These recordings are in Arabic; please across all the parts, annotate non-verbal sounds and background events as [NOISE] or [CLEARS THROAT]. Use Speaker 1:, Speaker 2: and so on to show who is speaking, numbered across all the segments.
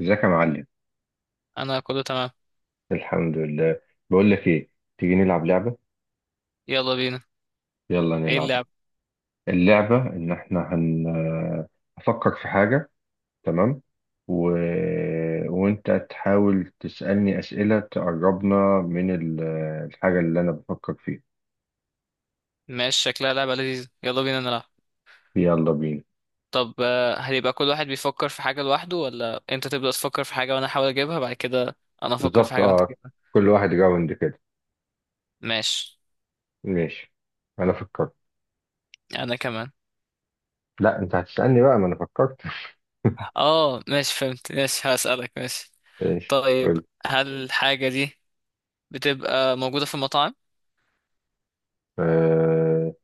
Speaker 1: ازيك يا معلم؟
Speaker 2: انا كله تمام.
Speaker 1: الحمد لله. بقول لك ايه، تيجي نلعب لعبة؟
Speaker 2: يلا بينا.
Speaker 1: يلا
Speaker 2: ايه
Speaker 1: نلعب.
Speaker 2: اللعب؟
Speaker 1: اللعبة ان احنا هفكر في حاجة، تمام، و... وانت تحاول تسألني أسئلة تقربنا من ال- الحاجة اللي انا بفكر فيها.
Speaker 2: ماشي، شكلها لعبة لذيذة، يلا بينا نلعب.
Speaker 1: يلا بينا.
Speaker 2: طب هيبقى كل واحد بيفكر في حاجة لوحده ولا انت تبدأ تفكر في حاجة وانا احاول اجيبها بعد كده؟ انا افكر في
Speaker 1: بالظبط،
Speaker 2: حاجة وانت
Speaker 1: اه،
Speaker 2: تجيبها.
Speaker 1: كل واحد راوند كده.
Speaker 2: ماشي.
Speaker 1: ماشي. انا فكرت.
Speaker 2: انا كمان.
Speaker 1: لا انت هتسألني بقى، ما انا فكرت.
Speaker 2: اه، ماشي فهمت، ماشي هسألك، ماشي.
Speaker 1: [LAUGHS] ماشي،
Speaker 2: طيب،
Speaker 1: قول.
Speaker 2: هل الحاجة دي بتبقى موجودة في المطاعم؟
Speaker 1: آه،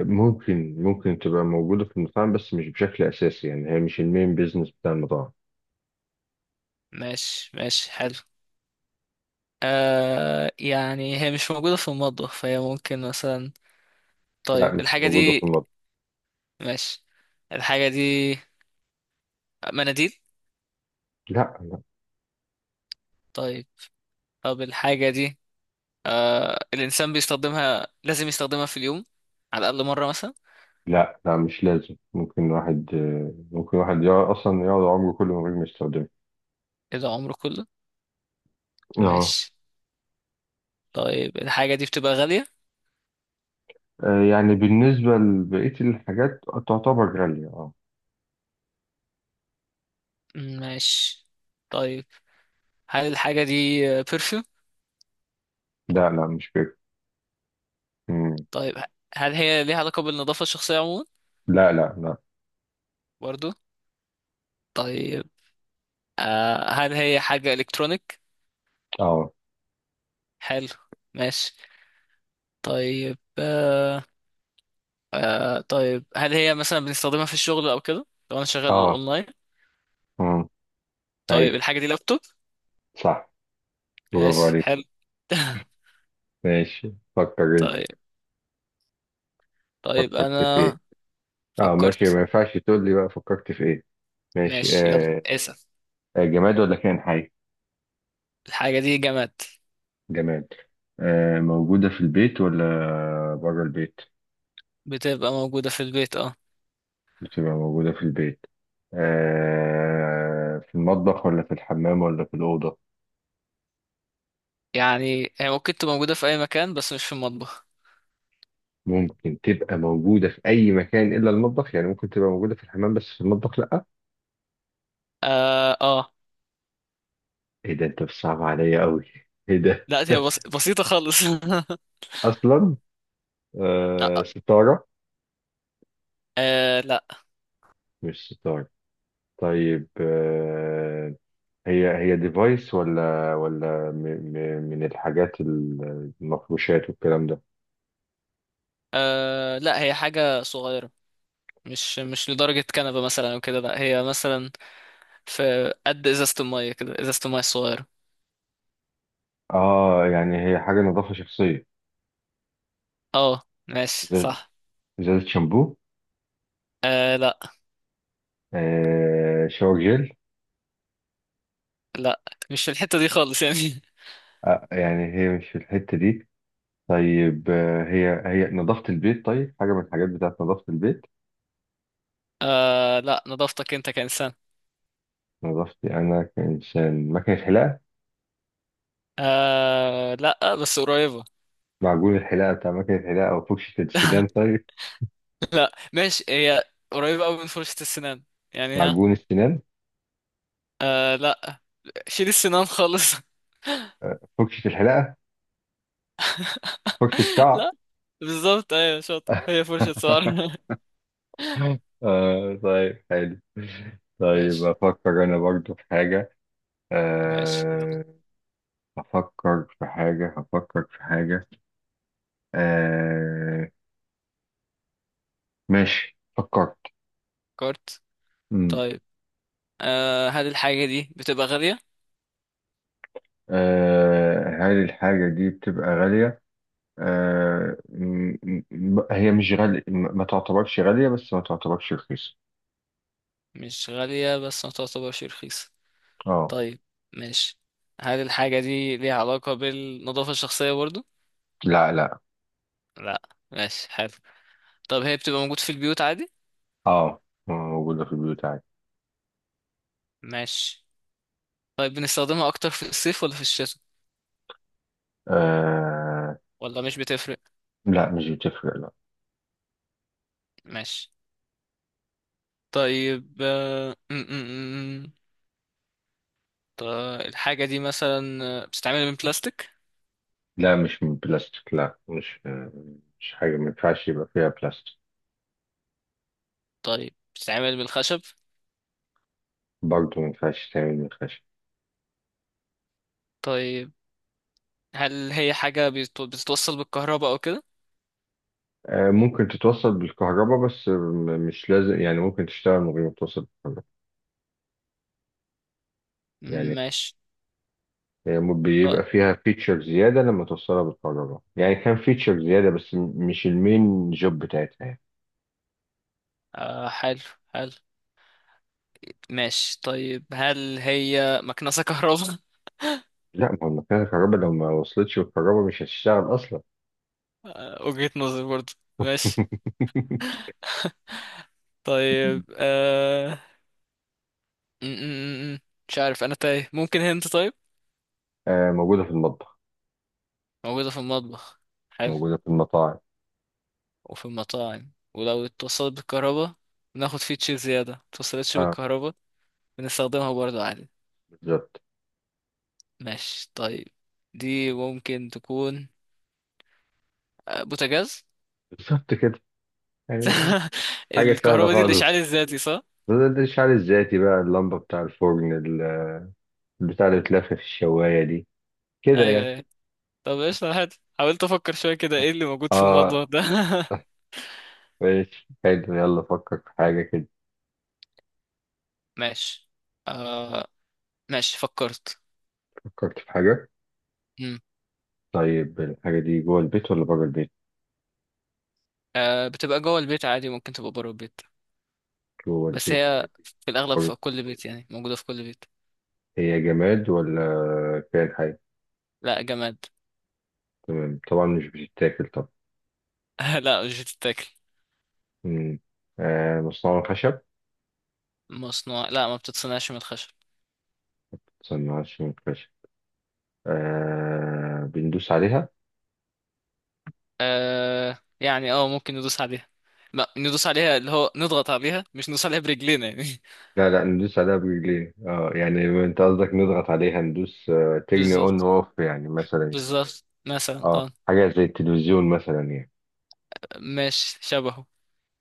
Speaker 1: ممكن تبقى موجودة في المطاعم بس مش بشكل أساسي، يعني هي مش المين بيزنس بتاع المطاعم.
Speaker 2: ماشي، ماشي، حلو. يعني هي مش موجودة في المطبخ، فهي ممكن مثلا.
Speaker 1: لا
Speaker 2: طيب
Speaker 1: مش
Speaker 2: الحاجة
Speaker 1: موجودة في
Speaker 2: دي.
Speaker 1: المطاعم.
Speaker 2: ماشي. الحاجة دي مناديل؟
Speaker 1: لا لا.
Speaker 2: طيب. طب الحاجة دي، الإنسان بيستخدمها، لازم يستخدمها في اليوم على الأقل مرة مثلا.
Speaker 1: لا، مش لازم، ممكن واحد يقعد أصلا، يقعد عمره كله من غير ما يستخدمها.
Speaker 2: كده عمره كله؟
Speaker 1: اه.
Speaker 2: ماشي. طيب الحاجة دي بتبقى غالية.
Speaker 1: آه، يعني بالنسبة لبقية الحاجات تعتبر غالية، اه.
Speaker 2: ماشي. طيب، هل الحاجة دي بيرفيوم؟
Speaker 1: لا لا مش كده. مم.
Speaker 2: طيب، هل هي ليها علاقة بالنظافة الشخصية عموما؟
Speaker 1: لا لا لا.
Speaker 2: برضو. طيب، هل هي حاجة إلكترونيك؟
Speaker 1: اه.
Speaker 2: حلو. ماشي. طيب، طيب هل هي مثلا بنستخدمها في الشغل أو كده لو أنا شغال
Speaker 1: اه.
Speaker 2: أونلاين؟
Speaker 1: مم.
Speaker 2: طيب
Speaker 1: أيوة
Speaker 2: الحاجة دي لابتوب؟
Speaker 1: صح، برافو
Speaker 2: ماشي
Speaker 1: عليك.
Speaker 2: حلو. [LAUGHS]
Speaker 1: ماشي، فكر أنت.
Speaker 2: طيب، طيب
Speaker 1: فكرت في إيه؟
Speaker 2: انا
Speaker 1: اه ماشي،
Speaker 2: فكرت.
Speaker 1: ما ينفعش تقول لي بقى فكرت في إيه. ماشي،
Speaker 2: ماشي، يلا
Speaker 1: آه.
Speaker 2: اسأل.
Speaker 1: آه، جماد ولا كائن حي؟
Speaker 2: الحاجة دي جماد.
Speaker 1: جماد. آه، موجودة في البيت ولا بره البيت؟
Speaker 2: بتبقى موجودة في البيت، اه.
Speaker 1: بتبقى موجودة في البيت. آه، في المطبخ ولا في الحمام ولا في الأوضة؟
Speaker 2: يعني هي ممكن تبقى موجودة في اي مكان بس مش في المطبخ.
Speaker 1: ممكن تبقى موجودة في أي مكان إلا المطبخ، يعني ممكن تبقى موجودة في الحمام بس في المطبخ لأ؟
Speaker 2: اه، اه.
Speaker 1: إيه ده أنت بتصعب عليا أوي، إيه ده؟
Speaker 2: لا هي
Speaker 1: [LAUGHS]
Speaker 2: بسيطة خالص. [LAUGHS]
Speaker 1: أصلا آه
Speaker 2: آه.
Speaker 1: ستارة.
Speaker 2: آه لا.
Speaker 1: مش ستارة. طيب آه، هي هي ديفايس ولا م م من الحاجات المفروشات والكلام ده؟
Speaker 2: آه لا، هي حاجة صغيرة، مش لدرجة كنبة مثلا او كده، لا هي مثلا في قد ازازة المية كده، ازازة المية الصغيرة.
Speaker 1: اه يعني هي حاجه نظافه شخصيه.
Speaker 2: اه، ماشي
Speaker 1: ازازه،
Speaker 2: صح.
Speaker 1: إزازة شامبو.
Speaker 2: آه لا.
Speaker 1: آه، شاور جل.
Speaker 2: لا مش في الحتة دي خالص يعني.
Speaker 1: آه يعني هي مش في الحته دي. طيب آه، هي هي نظافه البيت، طيب حاجه من الحاجات بتاعت نظافه البيت.
Speaker 2: آه لا، نظافتك انت كإنسان.
Speaker 1: نظافتي انا كانسان، مكنه حلاقه.
Speaker 2: آه لا، بس قريبة.
Speaker 1: معجون الحلاقه بتاع مكنه الحلاقه وفرشه السنان، طيب
Speaker 2: [LAUGHS] لا ماشي، هي قريبة قوي من فرشة السنان، يعني ها.
Speaker 1: معجون السنان،
Speaker 2: آه لا، شيل السنان خالص.
Speaker 1: فرشه الحلاقه، فرشه
Speaker 2: [LAUGHS]
Speaker 1: شعر.
Speaker 2: لا، بالظبط، ايوه شاطر، هي فرشة شعر.
Speaker 1: [LAUGHS] [LAUGHS] آه طيب حلو.
Speaker 2: [LAUGHS]
Speaker 1: طيب
Speaker 2: ماشي.
Speaker 1: أفكر أنا برضو في حاجة،
Speaker 2: ماشي، يلا.
Speaker 1: أه. أفكر في حاجة، هفكر في حاجة، أه. ماشي فكرت.
Speaker 2: كارت.
Speaker 1: مم.
Speaker 2: طيب، هل الحاجة دي بتبقى غالية؟
Speaker 1: أه، هل الحاجة دي بتبقى غالية؟ أه، هي مش غالية، ما تعتبرش غالية بس ما تعتبرش رخيصة.
Speaker 2: مش غالية بس ما تعتبرش رخيصة.
Speaker 1: اه.
Speaker 2: طيب. ماشي. هل الحاجة دي ليها علاقة بالنظافة الشخصية برضو؟
Speaker 1: لا لا.
Speaker 2: لا. ماشي، حلو. طب هي بتبقى موجود في البيوت عادي؟
Speaker 1: اه موجودة في البيوت عادي.
Speaker 2: ماشي. طيب بنستخدمها اكتر في الصيف ولا في الشتاء
Speaker 1: أه.
Speaker 2: ولا مش بتفرق؟
Speaker 1: لا مش بتفرق.
Speaker 2: ماشي. طيب، طيب الحاجة دي مثلا، بتتعمل من بلاستيك؟
Speaker 1: لا مش من بلاستيك، لا مش آه، مش حاجة ما ينفعش يبقى فيها بلاستيك.
Speaker 2: طيب بتتعمل من خشب؟
Speaker 1: برضه ما ينفعش تعمل من خشب.
Speaker 2: طيب هل هي حاجة بتتوصل بالكهرباء او كده؟
Speaker 1: آه، ممكن تتوصل بالكهرباء بس مش لازم، يعني ممكن تشتغل من غير ما توصل بالكهرباء. يعني
Speaker 2: ماشي.
Speaker 1: هي
Speaker 2: طيب.
Speaker 1: بيبقى فيها فيتشر زيادة لما توصلها بالكهرباء، يعني كان فيتشر زيادة بس مش المين جوب بتاعتها يعني.
Speaker 2: حلو. حلو. ماشي، طيب هل هي مكنسة كهرباء؟ [LAUGHS]
Speaker 1: لا، ما هو المكنة الكهرباء لو ما وصلتش بالكهرباء مش هتشتغل أصلا.
Speaker 2: آه، وجهة نظر برضه. ماشي.
Speaker 1: [LAUGHS]
Speaker 2: طيب، آه... م- م- م- م. مش عارف، انا تايه، ممكن هنت طيب.
Speaker 1: آه، موجودة في المطبخ،
Speaker 2: موجودة في المطبخ. حلو.
Speaker 1: موجودة في المطاعم.
Speaker 2: وفي المطاعم، ولو اتصلت بالكهرباء بناخد فيتشر زيادة، متصلتش
Speaker 1: اه.
Speaker 2: بالكهرباء بنستخدمها برضه عادي.
Speaker 1: بالظبط.
Speaker 2: ماشي طيب. دي ممكن تكون، بوتاجاز.
Speaker 1: بالظبط كده يعني.
Speaker 2: [LAUGHS]
Speaker 1: حاجة سهلة
Speaker 2: الكهرباء دي
Speaker 1: خالص.
Speaker 2: الإشعال الذاتي صح؟
Speaker 1: ده الشعر الذاتي بقى، اللمبة بتاع الفرن البتاع اللي بتلف في الشواية دي كده
Speaker 2: أيوه،
Speaker 1: يعني.
Speaker 2: أيوه. طب إيش حلو، حاولت أفكر شوية كده، إيه اللي موجود في
Speaker 1: اه
Speaker 2: المطبخ ده. [LAUGHS]
Speaker 1: ماشي حلو، يلا فكر في حاجة كده.
Speaker 2: ماشي. آه. ماشي، فكرت.
Speaker 1: فكرت في حاجة.
Speaker 2: مم.
Speaker 1: طيب الحاجة دي جوه البيت ولا بره البيت؟
Speaker 2: بتبقى جوه البيت عادي، ممكن تبقى بره البيت،
Speaker 1: جوه
Speaker 2: بس
Speaker 1: البيت.
Speaker 2: هي في الأغلب
Speaker 1: بره
Speaker 2: في
Speaker 1: البيت.
Speaker 2: كل بيت، يعني موجودة في كل بيت.
Speaker 1: هي جماد ولا كائن حي؟
Speaker 2: لا، جماد.
Speaker 1: تمام، طبعا مش بتتاكل طبعا.
Speaker 2: [LAUGHS] لا، مش بتتاكل.
Speaker 1: مم. آه، مصنوعة من خشب؟
Speaker 2: لا، ما بتتصنعش من الخشب.
Speaker 1: مصنوعة من خشب. آه بندوس عليها؟
Speaker 2: ممكن ندوس عليها، ما ندوس عليها اللي هو نضغط عليها، مش ندوس عليها برجلينا يعني.
Speaker 1: لا لا، ندوس عليها برجلين، اه، يعني انت قصدك نضغط عليها، ندوس،
Speaker 2: [LAUGHS]
Speaker 1: تجني اون
Speaker 2: بالظبط.
Speaker 1: اوف يعني مثلا.
Speaker 2: بالظبط مثلا،
Speaker 1: اه
Speaker 2: اه.
Speaker 1: حاجه زي التلفزيون مثلا يعني.
Speaker 2: ماشي، شبهه.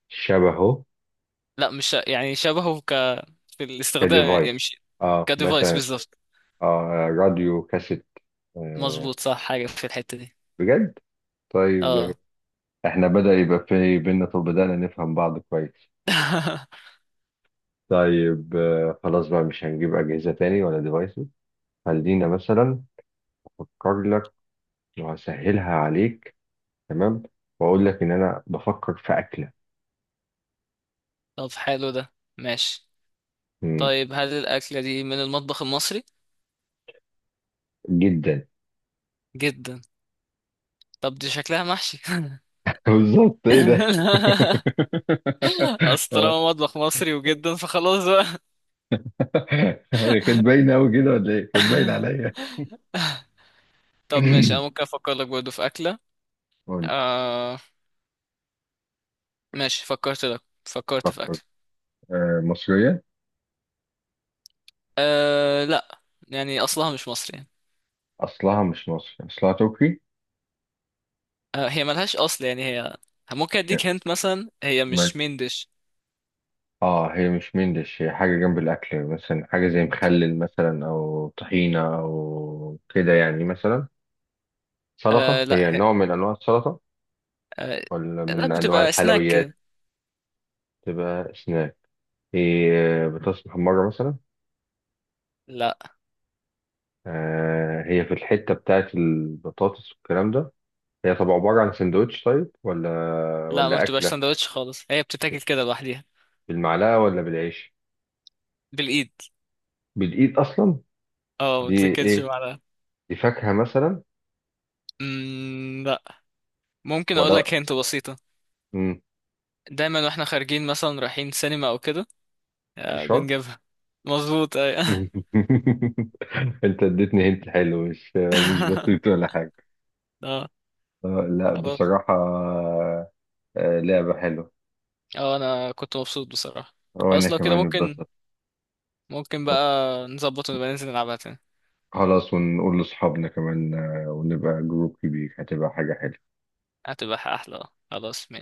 Speaker 1: شبهه
Speaker 2: لا، مش يعني شبهه في الاستخدام
Speaker 1: كديفايس،
Speaker 2: يعني مش.
Speaker 1: اه
Speaker 2: كديفايس،
Speaker 1: مثلا.
Speaker 2: بالظبط.
Speaker 1: اه راديو كاسيت، آه.
Speaker 2: مظبوط، صح، حاجة في الحتة دي.
Speaker 1: بجد. طيب
Speaker 2: اه.
Speaker 1: احنا بدأ يبقى في بينا، طب بدأنا نفهم بعض كويس.
Speaker 2: [LAUGHS]
Speaker 1: طيب آه، خلاص بقى مش هنجيب أجهزة تاني ولا ديفايسز. خلينا مثلا أفكر لك وهسهلها عليك، تمام، وأقول لك إن أنا بفكر في أكلة.
Speaker 2: طب حلو ده. ماشي. طيب، هل الأكلة دي من المطبخ المصري؟
Speaker 1: جدا.
Speaker 2: جدا. طب دي شكلها محشي.
Speaker 1: [LAUGHS] بالظبط، ايه ده؟ [LAUGHS]
Speaker 2: [LAUGHS] اصل
Speaker 1: آه،
Speaker 2: طالما مطبخ مصري وجدا، فخلاص بقى.
Speaker 1: هي كانت باينه قوي كده ولا ايه، كانت باين عليا؟
Speaker 2: طب ماشي،
Speaker 1: [CLEARS THROAT]
Speaker 2: انا ممكن افكر لك برضه في اكله.
Speaker 1: قول.
Speaker 2: آه، ماشي، فكرت لك، فكرت في
Speaker 1: فكر.
Speaker 2: اكله.
Speaker 1: آه، مصريه.
Speaker 2: آه لا. يعني اصلها مش مصري يعني.
Speaker 1: اصلها مش مصري، اصلها تركي.
Speaker 2: آه، هي ملهاش اصل يعني، هي ممكن
Speaker 1: هي-
Speaker 2: اديك هنت مثلا، هي
Speaker 1: أمال-
Speaker 2: مش مين ديش.
Speaker 1: اه هي مش مندش، هي حاجه جنب الاكل، مثلا حاجه زي مخلل مثلا او طحينه او كده يعني. مثلا سلطه،
Speaker 2: آه لا،
Speaker 1: هي نوع من انواع السلطه
Speaker 2: آه
Speaker 1: ولا
Speaker 2: لا،
Speaker 1: من انواع
Speaker 2: بتبقى سناك
Speaker 1: الحلويات.
Speaker 2: كده.
Speaker 1: تبقى سناك، هي بطاطس محمره مثلا.
Speaker 2: لا،
Speaker 1: آه هي في الحتة بتاعت البطاطس والكلام ده. هي طب عبارة عن سندوتش طيب، ولا
Speaker 2: لا، ما
Speaker 1: ولا
Speaker 2: بتبقاش
Speaker 1: أكلة؟
Speaker 2: سندوتش خالص، هي بتتاكل كده لوحدها.
Speaker 1: بالمعلقة ولا بالعيش؟
Speaker 2: بالايد.
Speaker 1: بالإيد أصلا.
Speaker 2: اه، ما
Speaker 1: دي
Speaker 2: بتتاكلش
Speaker 1: إيه؟
Speaker 2: بعدها.
Speaker 1: دي فاكهة مثلا؟
Speaker 2: امم، لا. ممكن اقول
Speaker 1: ولا
Speaker 2: لك هنت بسيطه.
Speaker 1: مم.
Speaker 2: دايما واحنا خارجين مثلا رايحين سينما او كده،
Speaker 1: في الشرب.
Speaker 2: بنجيبها. مظبوط، ايوه.
Speaker 1: [LAUGHS] أنت اديتني هنت حلو، مش مش بسيط
Speaker 2: [LAUGHS]
Speaker 1: ولا حاجة.
Speaker 2: اه،
Speaker 1: آه لا
Speaker 2: خلاص.
Speaker 1: بصراحة، آه لعبة حلوة.
Speaker 2: اه، انا كنت مبسوط بصراحة.
Speaker 1: وأنا
Speaker 2: خلاص لو كده
Speaker 1: كمان
Speaker 2: ممكن
Speaker 1: اتبسطت.
Speaker 2: ممكن بقى نظبط ونبقى ننزل نلعبها تاني.
Speaker 1: خلاص، ونقول لأصحابنا كمان، آه، ونبقى جروب كبير، هتبقى حاجة حلوة.
Speaker 2: هتبقى احلى، اه، خلاص ماشي.